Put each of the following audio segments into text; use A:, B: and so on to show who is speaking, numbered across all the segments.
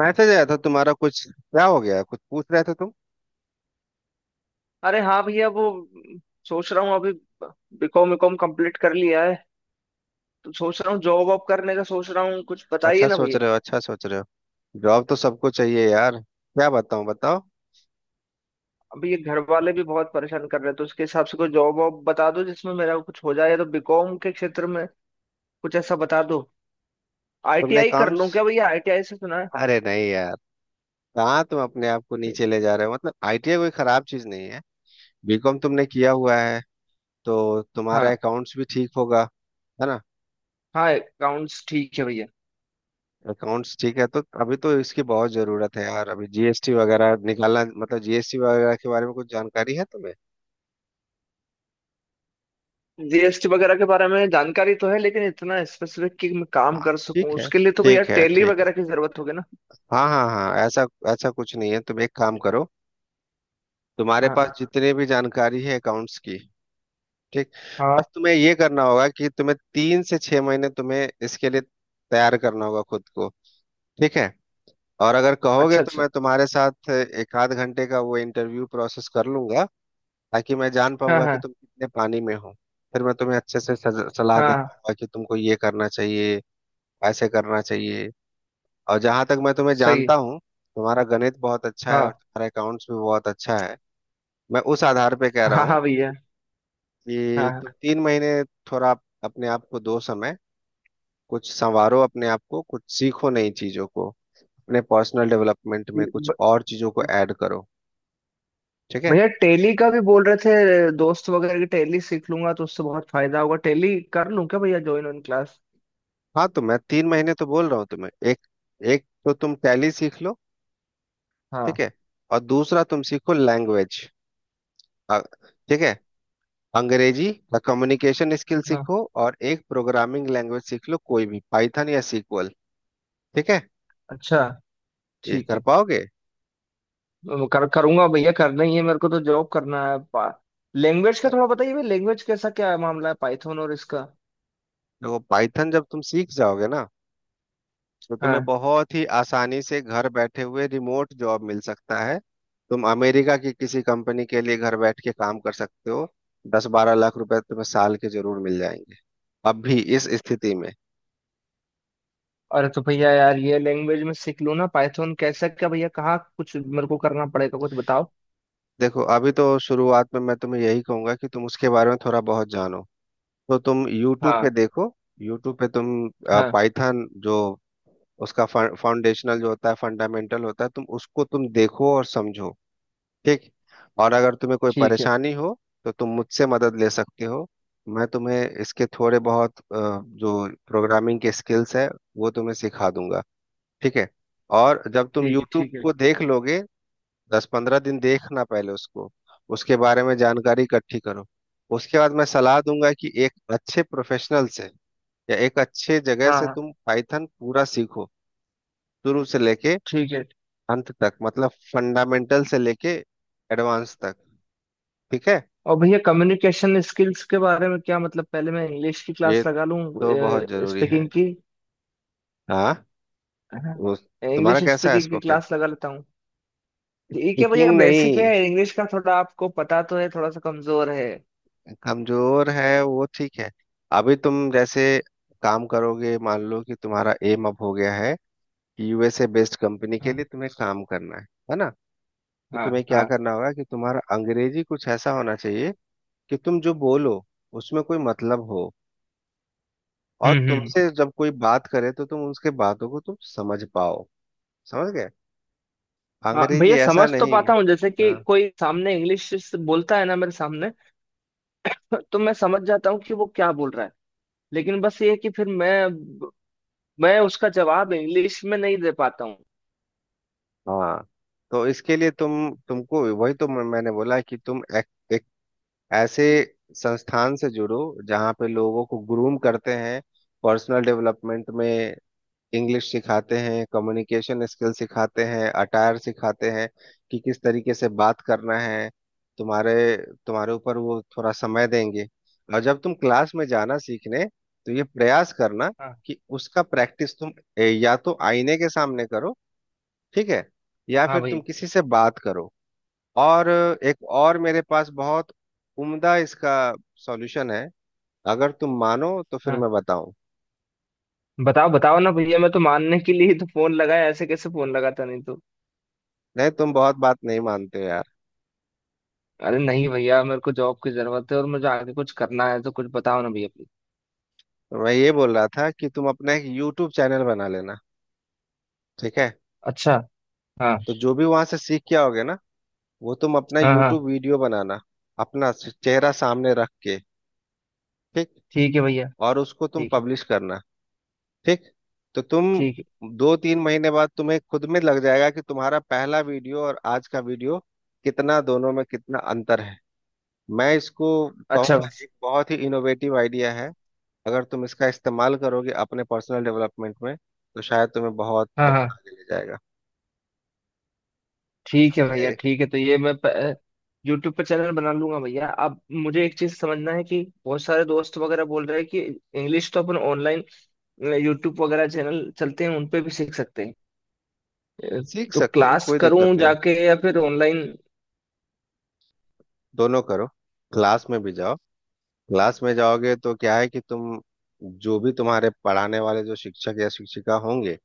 A: Message आया था तुम्हारा। कुछ क्या हो गया? कुछ पूछ रहे थे तुम।
B: अरे हाँ भैया, वो सोच रहा हूँ अभी। बीकॉम बीकॉम कंप्लीट कर लिया है। तो सोच रहा हूँ जॉब वॉब करने का सोच रहा हूँ, कुछ बताइए
A: अच्छा
B: ना
A: सोच
B: भैया।
A: रहे हो, अच्छा सोच रहे हो। जॉब तो सबको चाहिए यार, क्या बताऊं? बताओ।
B: अभी ये घर वाले भी बहुत परेशान कर रहे हैं, तो उसके हिसाब से कोई जॉब वॉब बता दो जिसमें मेरा कुछ हो जाए, या तो बीकॉम के क्षेत्र में कुछ ऐसा बता दो।
A: तुमने
B: आईटीआई कर
A: अकाउंट्स,
B: लूँ क्या भैया? आईटीआई से सुना है।
A: अरे नहीं यार, कहाँ तुम अपने आप को नीचे ले जा रहे हो। मतलब आईटीआई कोई खराब चीज नहीं है। बीकॉम तुमने किया हुआ है तो तुम्हारा
B: हाँ।
A: अकाउंट्स भी ठीक होगा, है ना?
B: हाँ, अकाउंट्स ठीक है भैया।
A: अकाउंट्स ठीक है तो अभी तो इसकी बहुत जरूरत है यार। अभी जीएसटी वगैरह निकालना, मतलब जीएसटी वगैरह के बारे में कुछ जानकारी है तुम्हें?
B: जीएसटी वगैरह के बारे में जानकारी तो है, लेकिन इतना स्पेसिफिक कि मैं काम
A: हाँ,
B: कर सकूं
A: ठीक है
B: उसके लिए तो भैया
A: ठीक है
B: टैली
A: ठीक है।
B: वगैरह की जरूरत होगी ना।
A: हाँ हाँ हाँ, ऐसा ऐसा कुछ नहीं है। तुम एक काम करो, तुम्हारे
B: हाँ
A: पास जितने भी जानकारी है अकाउंट्स की, ठीक? बस
B: हाँ।
A: तुम्हें ये करना होगा कि तुम्हें 3 से 6 महीने तुम्हें इसके लिए तैयार करना होगा खुद को, ठीक है? और अगर कहोगे
B: अच्छा
A: तो
B: अच्छा।
A: मैं तुम्हारे साथ एक आध घंटे का वो इंटरव्यू प्रोसेस कर लूंगा ताकि मैं जान
B: हाँ
A: पाऊंगा कि
B: हाँ
A: तुम कितने पानी में हो। फिर मैं तुम्हें अच्छे से सलाह दे
B: हाँ।
A: पाऊंगा कि तुमको ये करना चाहिए, ऐसे करना चाहिए। और जहां तक मैं तुम्हें
B: सही
A: जानता
B: है।
A: हूँ, तुम्हारा गणित बहुत अच्छा है और
B: हाँ
A: तुम्हारा अकाउंट्स भी बहुत अच्छा है। मैं उस आधार पे कह रहा
B: हाँ
A: हूँ
B: हाँ भैया।
A: कि
B: हाँ
A: तुम
B: हाँ।
A: 3 महीने थोड़ा अपने आप को दो समय, कुछ संवारो अपने आप को, कुछ सीखो नई चीजों को, अपने पर्सनल डेवलपमेंट में कुछ
B: ब-
A: और चीजों को ऐड करो, ठीक है?
B: भैया टैली का भी बोल रहे थे दोस्त वगैरह की। टैली सीख लूंगा तो उससे बहुत फायदा होगा। टैली कर लूं क्या भैया, ज्वाइन ऑन क्लास?
A: हाँ तो मैं 3 महीने तो बोल रहा हूँ तुम्हें। एक, एक तो तुम टैली सीख लो, ठीक
B: हाँ
A: है, और दूसरा तुम सीखो लैंग्वेज, ठीक है, अंग्रेजी या कम्युनिकेशन स्किल
B: हाँ।
A: सीखो। और एक प्रोग्रामिंग लैंग्वेज सीख लो, कोई भी, पाइथन या सीक्वल, ठीक है?
B: अच्छा।
A: ये
B: ठीक
A: कर
B: है।
A: पाओगे?
B: कर करूंगा भैया, करना ही है मेरे को, तो जॉब करना है। लैंग्वेज का
A: अब
B: थोड़ा बताइए भैया। लैंग्वेज कैसा क्या मामला है, पाइथन और इसका?
A: देखो, पाइथन जब तुम सीख जाओगे ना, तो तुम्हें
B: हाँ।
A: बहुत ही आसानी से घर बैठे हुए रिमोट जॉब मिल सकता है। तुम अमेरिका की किसी कंपनी के लिए घर बैठ के काम कर सकते हो। 10-12 लाख रुपए तुम्हें साल के जरूर मिल जाएंगे, अब भी इस स्थिति में।
B: अरे तो भैया यार, ये लैंग्वेज में सीख लूं ना पाइथन? कैसा क्या भैया, कहाँ कुछ मेरे को करना पड़ेगा, कुछ बताओ।
A: देखो, अभी तो शुरुआत में मैं तुम्हें यही कहूंगा कि तुम उसके बारे में थोड़ा बहुत जानो, तो तुम YouTube पे
B: हाँ
A: देखो। YouTube पे तुम
B: हाँ।
A: पाइथन जो उसका फाउंडेशनल जो होता है, फंडामेंटल होता है, तुम उसको तुम देखो और समझो, ठीक। और अगर तुम्हें कोई
B: ठीक है
A: परेशानी हो तो तुम मुझसे मदद ले सकते हो। मैं तुम्हें इसके थोड़े बहुत जो प्रोग्रामिंग के स्किल्स है वो तुम्हें सिखा दूंगा, ठीक है? और जब तुम
B: ठीक है
A: YouTube
B: ठीक है।
A: को देख लोगे, 10-15 दिन देखना पहले उसको, उसके बारे में जानकारी इकट्ठी करो, उसके बाद मैं सलाह दूंगा कि एक अच्छे प्रोफेशनल से या एक अच्छे जगह
B: हाँ
A: से
B: हाँ,
A: तुम पाइथन पूरा सीखो, शुरू से लेके
B: ठीक है।
A: अंत तक, मतलब फंडामेंटल से लेके एडवांस तक, ठीक है?
B: और भैया, कम्युनिकेशन स्किल्स के बारे में क्या मतलब, पहले मैं इंग्लिश की
A: ये
B: क्लास लगा लूं
A: तो बहुत जरूरी है,
B: स्पीकिंग की?
A: हाँ
B: है ना?
A: वो। तुम्हारा
B: इंग्लिश
A: कैसा है
B: स्पीकिंग की
A: स्पोकन?
B: क्लास लगा लेता हूँ। ठीक है भैया,
A: स्पीकिंग
B: बेसिक है
A: नहीं?
B: इंग्लिश का, थोड़ा आपको पता तो है, थोड़ा सा कमजोर है।
A: कमजोर है वो, ठीक है। अभी तुम जैसे काम करोगे, मान लो कि तुम्हारा एम अब हो गया है, यूएसए बेस्ड कंपनी के
B: हाँ
A: लिए तुम्हें काम करना है ना? तो
B: हाँ
A: तुम्हें क्या
B: हाँ।
A: करना होगा कि तुम्हारा अंग्रेजी कुछ ऐसा होना चाहिए कि तुम जो बोलो उसमें कोई मतलब हो, और
B: हम्म।
A: तुमसे जब कोई बात करे तो तुम उसके बातों को तुम समझ पाओ, समझ गए?
B: हाँ
A: अंग्रेजी
B: भैया,
A: ऐसा
B: समझ तो
A: नहीं।
B: पाता हूँ। जैसे कि
A: हाँ
B: कोई सामने इंग्लिश से बोलता है ना मेरे सामने, तो मैं समझ जाता हूँ कि वो क्या बोल रहा है। लेकिन बस ये है कि फिर मैं उसका जवाब इंग्लिश में नहीं दे पाता हूँ।
A: हाँ, तो इसके लिए तुम तुमको वही तो मैंने बोला कि तुम एक ऐसे संस्थान से जुड़ो जहाँ पे लोगों को ग्रूम करते हैं, पर्सनल डेवलपमेंट में इंग्लिश सिखाते हैं, कम्युनिकेशन स्किल सिखाते हैं, अटायर सिखाते हैं, कि किस तरीके से बात करना है। तुम्हारे तुम्हारे ऊपर वो थोड़ा समय देंगे। और जब तुम क्लास में जाना सीखने तो ये प्रयास करना
B: हाँ
A: कि उसका प्रैक्टिस तुम या तो आईने के सामने करो, ठीक है, या
B: हाँ
A: फिर तुम
B: भैया।
A: किसी से बात करो। और एक और मेरे पास बहुत उम्दा इसका सॉल्यूशन है, अगर तुम मानो तो फिर मैं बताऊं।
B: बताओ बताओ ना भैया, मैं तो मानने के लिए ही तो फोन लगाया, ऐसे कैसे फोन लगाता नहीं तो।
A: नहीं तुम बहुत बात नहीं मानते हो यार।
B: अरे नहीं भैया, मेरे को जॉब की जरूरत है और मुझे आगे कुछ करना है, तो कुछ बताओ ना भैया, प्लीज।
A: तो मैं ये बोल रहा था कि तुम अपना एक यूट्यूब चैनल बना लेना, ठीक है।
B: अच्छा। हाँ।
A: तो जो भी वहां से सीख के आओगे ना, वो तुम अपना
B: हाँ हाँ।
A: यूट्यूब वीडियो बनाना, अपना चेहरा सामने रख के, ठीक,
B: ठीक है भैया।
A: और उसको तुम
B: ठीक है
A: पब्लिश करना, ठीक। तो तुम
B: ठीक है।
A: 2-3 महीने बाद तुम्हें खुद में लग जाएगा कि तुम्हारा पहला वीडियो और आज का वीडियो कितना, दोनों में कितना अंतर है। मैं इसको
B: अच्छा।
A: कहूंगा एक बहुत ही इनोवेटिव आइडिया है। अगर तुम इसका इस्तेमाल करोगे अपने पर्सनल डेवलपमेंट में तो शायद तुम्हें बहुत
B: हाँ
A: बहुत
B: हाँ।
A: आगे ले जाएगा,
B: ठीक है
A: समझे?
B: भैया, ठीक है। तो ये मैं यूट्यूब पर चैनल बना लूंगा भैया। अब मुझे एक चीज समझना है कि बहुत सारे दोस्त वगैरह बोल रहे हैं कि इंग्लिश तो अपन ऑनलाइन, यूट्यूब वगैरह चैनल चलते हैं उन पे भी सीख सकते हैं। अ,
A: सीख
B: तो
A: सकते हो
B: क्लास
A: कोई दिक्कत
B: करूं
A: नहीं है।
B: जाके या फिर ऑनलाइन?
A: दोनों करो, क्लास में भी जाओ। क्लास में जाओगे तो क्या है कि तुम, जो भी तुम्हारे पढ़ाने वाले जो शिक्षक या शिक्षिका होंगे,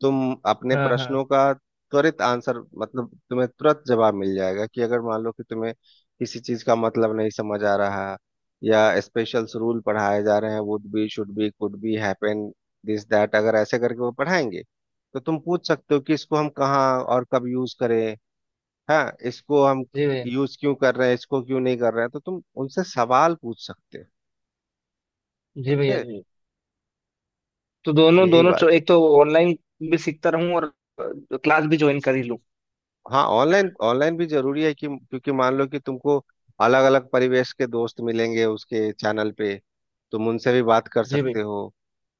A: तुम अपने
B: हाँ हाँ।
A: प्रश्नों का त्वरित आंसर, मतलब तुम्हें तुरंत जवाब मिल जाएगा कि अगर मान लो कि तुम्हें किसी चीज का मतलब नहीं समझ आ रहा, या स्पेशल रूल पढ़ाए जा रहे हैं, would be should be could be happen this that, अगर ऐसे करके वो पढ़ाएंगे, तो तुम पूछ सकते हो कि इसको हम कहाँ और कब यूज करें, हाँ इसको हम
B: जी भैया।
A: यूज क्यों कर रहे हैं, इसको क्यों नहीं कर रहे हैं, तो तुम उनसे सवाल पूछ सकते हो,
B: जी भैया
A: समझे?
B: जी। तो दोनों
A: यही
B: दोनों
A: बात है।
B: एक तो ऑनलाइन भी सीखता रहूं, और क्लास भी ज्वाइन कर ही लूं।
A: हाँ, ऑनलाइन ऑनलाइन भी जरूरी है, कि क्योंकि मान लो कि तुमको अलग अलग परिवेश के दोस्त मिलेंगे उसके चैनल पे, तुम उनसे भी बात कर
B: जी भैया।
A: सकते हो,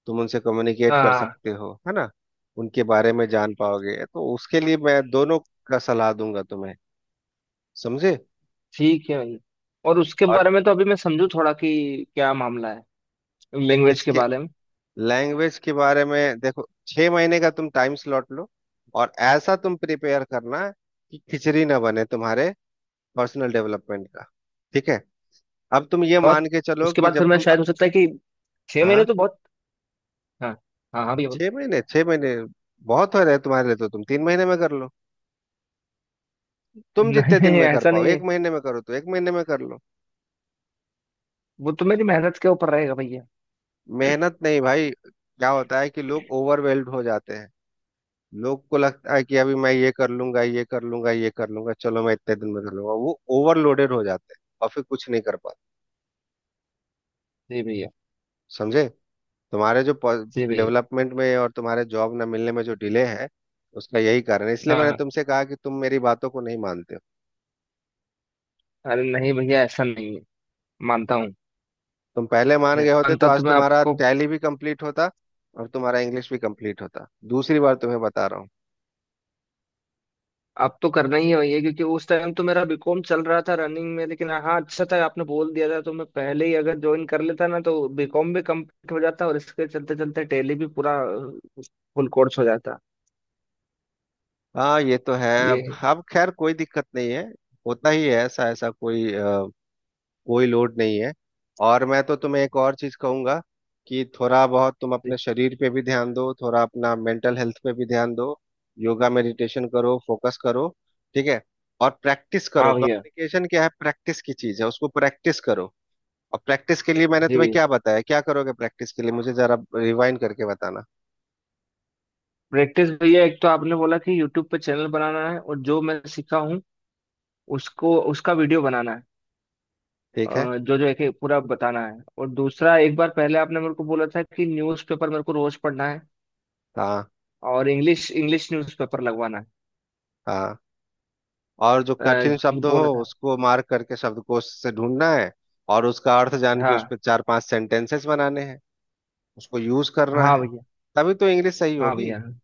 A: तुम उनसे कम्युनिकेट कर
B: हाँ।
A: सकते हो, है ना? उनके बारे में जान पाओगे, तो उसके लिए मैं दोनों का सलाह दूंगा तुम्हें, समझे?
B: ठीक है भैया। और उसके
A: और
B: बारे में तो अभी मैं समझू थोड़ा कि क्या मामला है। लैंग्वेज के
A: इसके
B: बारे में।
A: लैंग्वेज के बारे में देखो, 6 महीने का तुम टाइम स्लॉट लो, और ऐसा तुम प्रिपेयर करना कि खिचड़ी ना बने तुम्हारे पर्सनल डेवलपमेंट का, ठीक है। अब तुम ये
B: और
A: मान के चलो
B: उसके
A: कि
B: बाद फिर
A: जब
B: मैं
A: तुम,
B: शायद, हो सकता है कि 6 महीने
A: हाँ,
B: तो बहुत। हाँ। हाँ हाँ भैया, बोलो।
A: 6 महीने, 6 महीने बहुत हो रहे हैं तुम्हारे लिए तो तुम 3 महीने में कर लो, तुम
B: नहीं
A: जितने दिन
B: नहीं,
A: में कर
B: ऐसा
A: पाओ,
B: नहीं है।
A: 1 महीने में करो तो 1 महीने में कर लो।
B: वो तो मेरी मेहनत के ऊपर रहेगा भैया।
A: मेहनत नहीं भाई, क्या होता है कि लोग ओवरवेल्ड हो जाते हैं, लोग को लगता है कि अभी मैं ये कर लूंगा, ये कर लूंगा, ये कर लूंगा, चलो मैं इतने दिन में कर लूंगा, वो ओवरलोडेड हो जाते हैं और फिर कुछ नहीं कर पाते,
B: जी भैया।
A: समझे? तुम्हारे जो
B: जी भैया।
A: डेवलपमेंट में और तुम्हारे जॉब ना मिलने में जो डिले है, उसका यही कारण है। इसलिए
B: हाँ
A: मैंने
B: हाँ।
A: तुमसे कहा कि तुम मेरी बातों को नहीं मानते हो।
B: अरे नहीं भैया, ऐसा नहीं है, मानता हूँ।
A: तुम पहले मान
B: नहीं
A: गए होते तो
B: मानता
A: आज
B: तो मैं
A: तुम्हारा
B: आपको...
A: टैली भी कंप्लीट होता और तुम्हारा इंग्लिश भी कंप्लीट होता, दूसरी बार तुम्हें बता रहा हूँ।
B: अब तो करना ही है भैया, क्योंकि उस टाइम तो मेरा बीकॉम चल रहा था, रनिंग में। लेकिन हाँ, अच्छा था आपने बोल दिया था, तो मैं पहले ही अगर ज्वाइन कर लेता ना तो बीकॉम भी कंप्लीट हो जाता, और इसके चलते चलते टेली भी पूरा फुल कोर्स हो जाता।
A: हाँ ये तो है,
B: ये
A: अब
B: है।
A: अब खैर कोई दिक्कत नहीं है, होता ही है ऐसा, ऐसा कोई कोई लोड नहीं है। और मैं तो तुम्हें एक और चीज कहूंगा कि थोड़ा बहुत तुम
B: जी।
A: अपने शरीर पे भी ध्यान दो, थोड़ा अपना मेंटल हेल्थ पे भी ध्यान दो, योगा मेडिटेशन करो, फोकस करो, ठीक है। और प्रैक्टिस करो,
B: हाँ भैया।
A: कम्युनिकेशन क्या है, प्रैक्टिस की चीज है, उसको प्रैक्टिस करो। और प्रैक्टिस के लिए मैंने
B: जी
A: तुम्हें
B: भैया।
A: क्या बताया, क्या करोगे प्रैक्टिस के लिए, मुझे जरा रिवाइंड करके बताना।
B: प्रैक्टिस भैया, एक तो आपने बोला कि यूट्यूब पे चैनल बनाना है, और जो मैं सीखा हूँ उसको उसका वीडियो बनाना है।
A: ठीक है,
B: जो जो एक एक पूरा बताना है। और दूसरा, एक बार पहले आपने मेरे को बोला था कि न्यूज़पेपर मेरे को रोज पढ़ना है,
A: हाँ
B: और इंग्लिश इंग्लिश न्यूज़पेपर लगवाना है।
A: हाँ, और जो कठिन
B: ये
A: शब्द हो
B: बोला था।
A: उसको मार्क करके शब्दकोश से ढूंढना है, और उसका अर्थ जान के उस
B: हाँ।
A: पर 4-5 सेंटेंसेस बनाने हैं, उसको यूज करना
B: हाँ
A: है,
B: भैया।
A: तभी तो इंग्लिश सही
B: हाँ
A: होगी,
B: भैया, हाँ।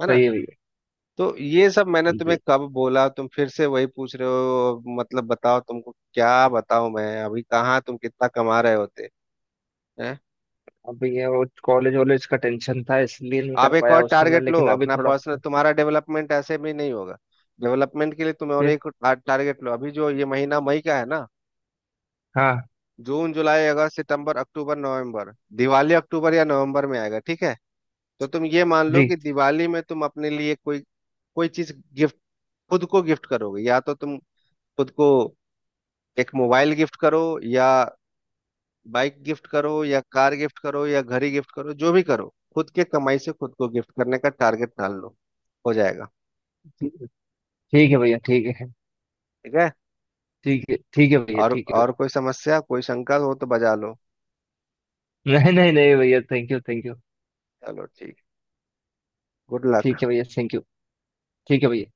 A: है ना?
B: सही है भैया।
A: तो ये सब मैंने तुम्हें
B: जी।
A: कब बोला? तुम फिर से वही पूछ रहे हो, मतलब बताओ तुमको क्या बताऊं मैं, अभी कहाँ तुम कितना कमा रहे होते हैं।
B: अब भैया, वो कॉलेज वॉलेज का टेंशन था, इसलिए नहीं कर
A: आप एक और
B: पाया उस समय,
A: टारगेट लो,
B: लेकिन अभी
A: अपना
B: थोड़ा
A: पर्सनल
B: सा-
A: तुम्हारा डेवलपमेंट ऐसे भी नहीं होगा, डेवलपमेंट के लिए तुम और
B: फिर-
A: एक टारगेट लो। अभी जो ये महीना मई का है ना,
B: हाँ।
A: जून जुलाई अगस्त सितंबर अक्टूबर नवंबर, दिवाली अक्टूबर या नवंबर में आएगा, ठीक है? तो तुम ये मान लो
B: जी।
A: कि दिवाली में तुम अपने लिए कोई, कोई चीज गिफ्ट, खुद को गिफ्ट करोगे, या तो तुम खुद को एक मोबाइल गिफ्ट करो, या बाइक गिफ्ट करो, या कार गिफ्ट करो, या घड़ी गिफ्ट करो, जो भी करो, खुद के कमाई से खुद को गिफ्ट करने का टारगेट ठान लो, हो जाएगा,
B: ठीक है। ठीक है भैया। ठीक है
A: ठीक है।
B: ठीक है। ठीक है भैया,
A: और
B: ठीक है भैया।
A: और कोई समस्या, कोई शंका हो तो बजा लो।
B: नहीं नहीं नहीं भैया, थैंक यू थैंक यू।
A: चलो ठीक, गुड लक।
B: ठीक है भैया, थैंक यू। ठीक है भैया।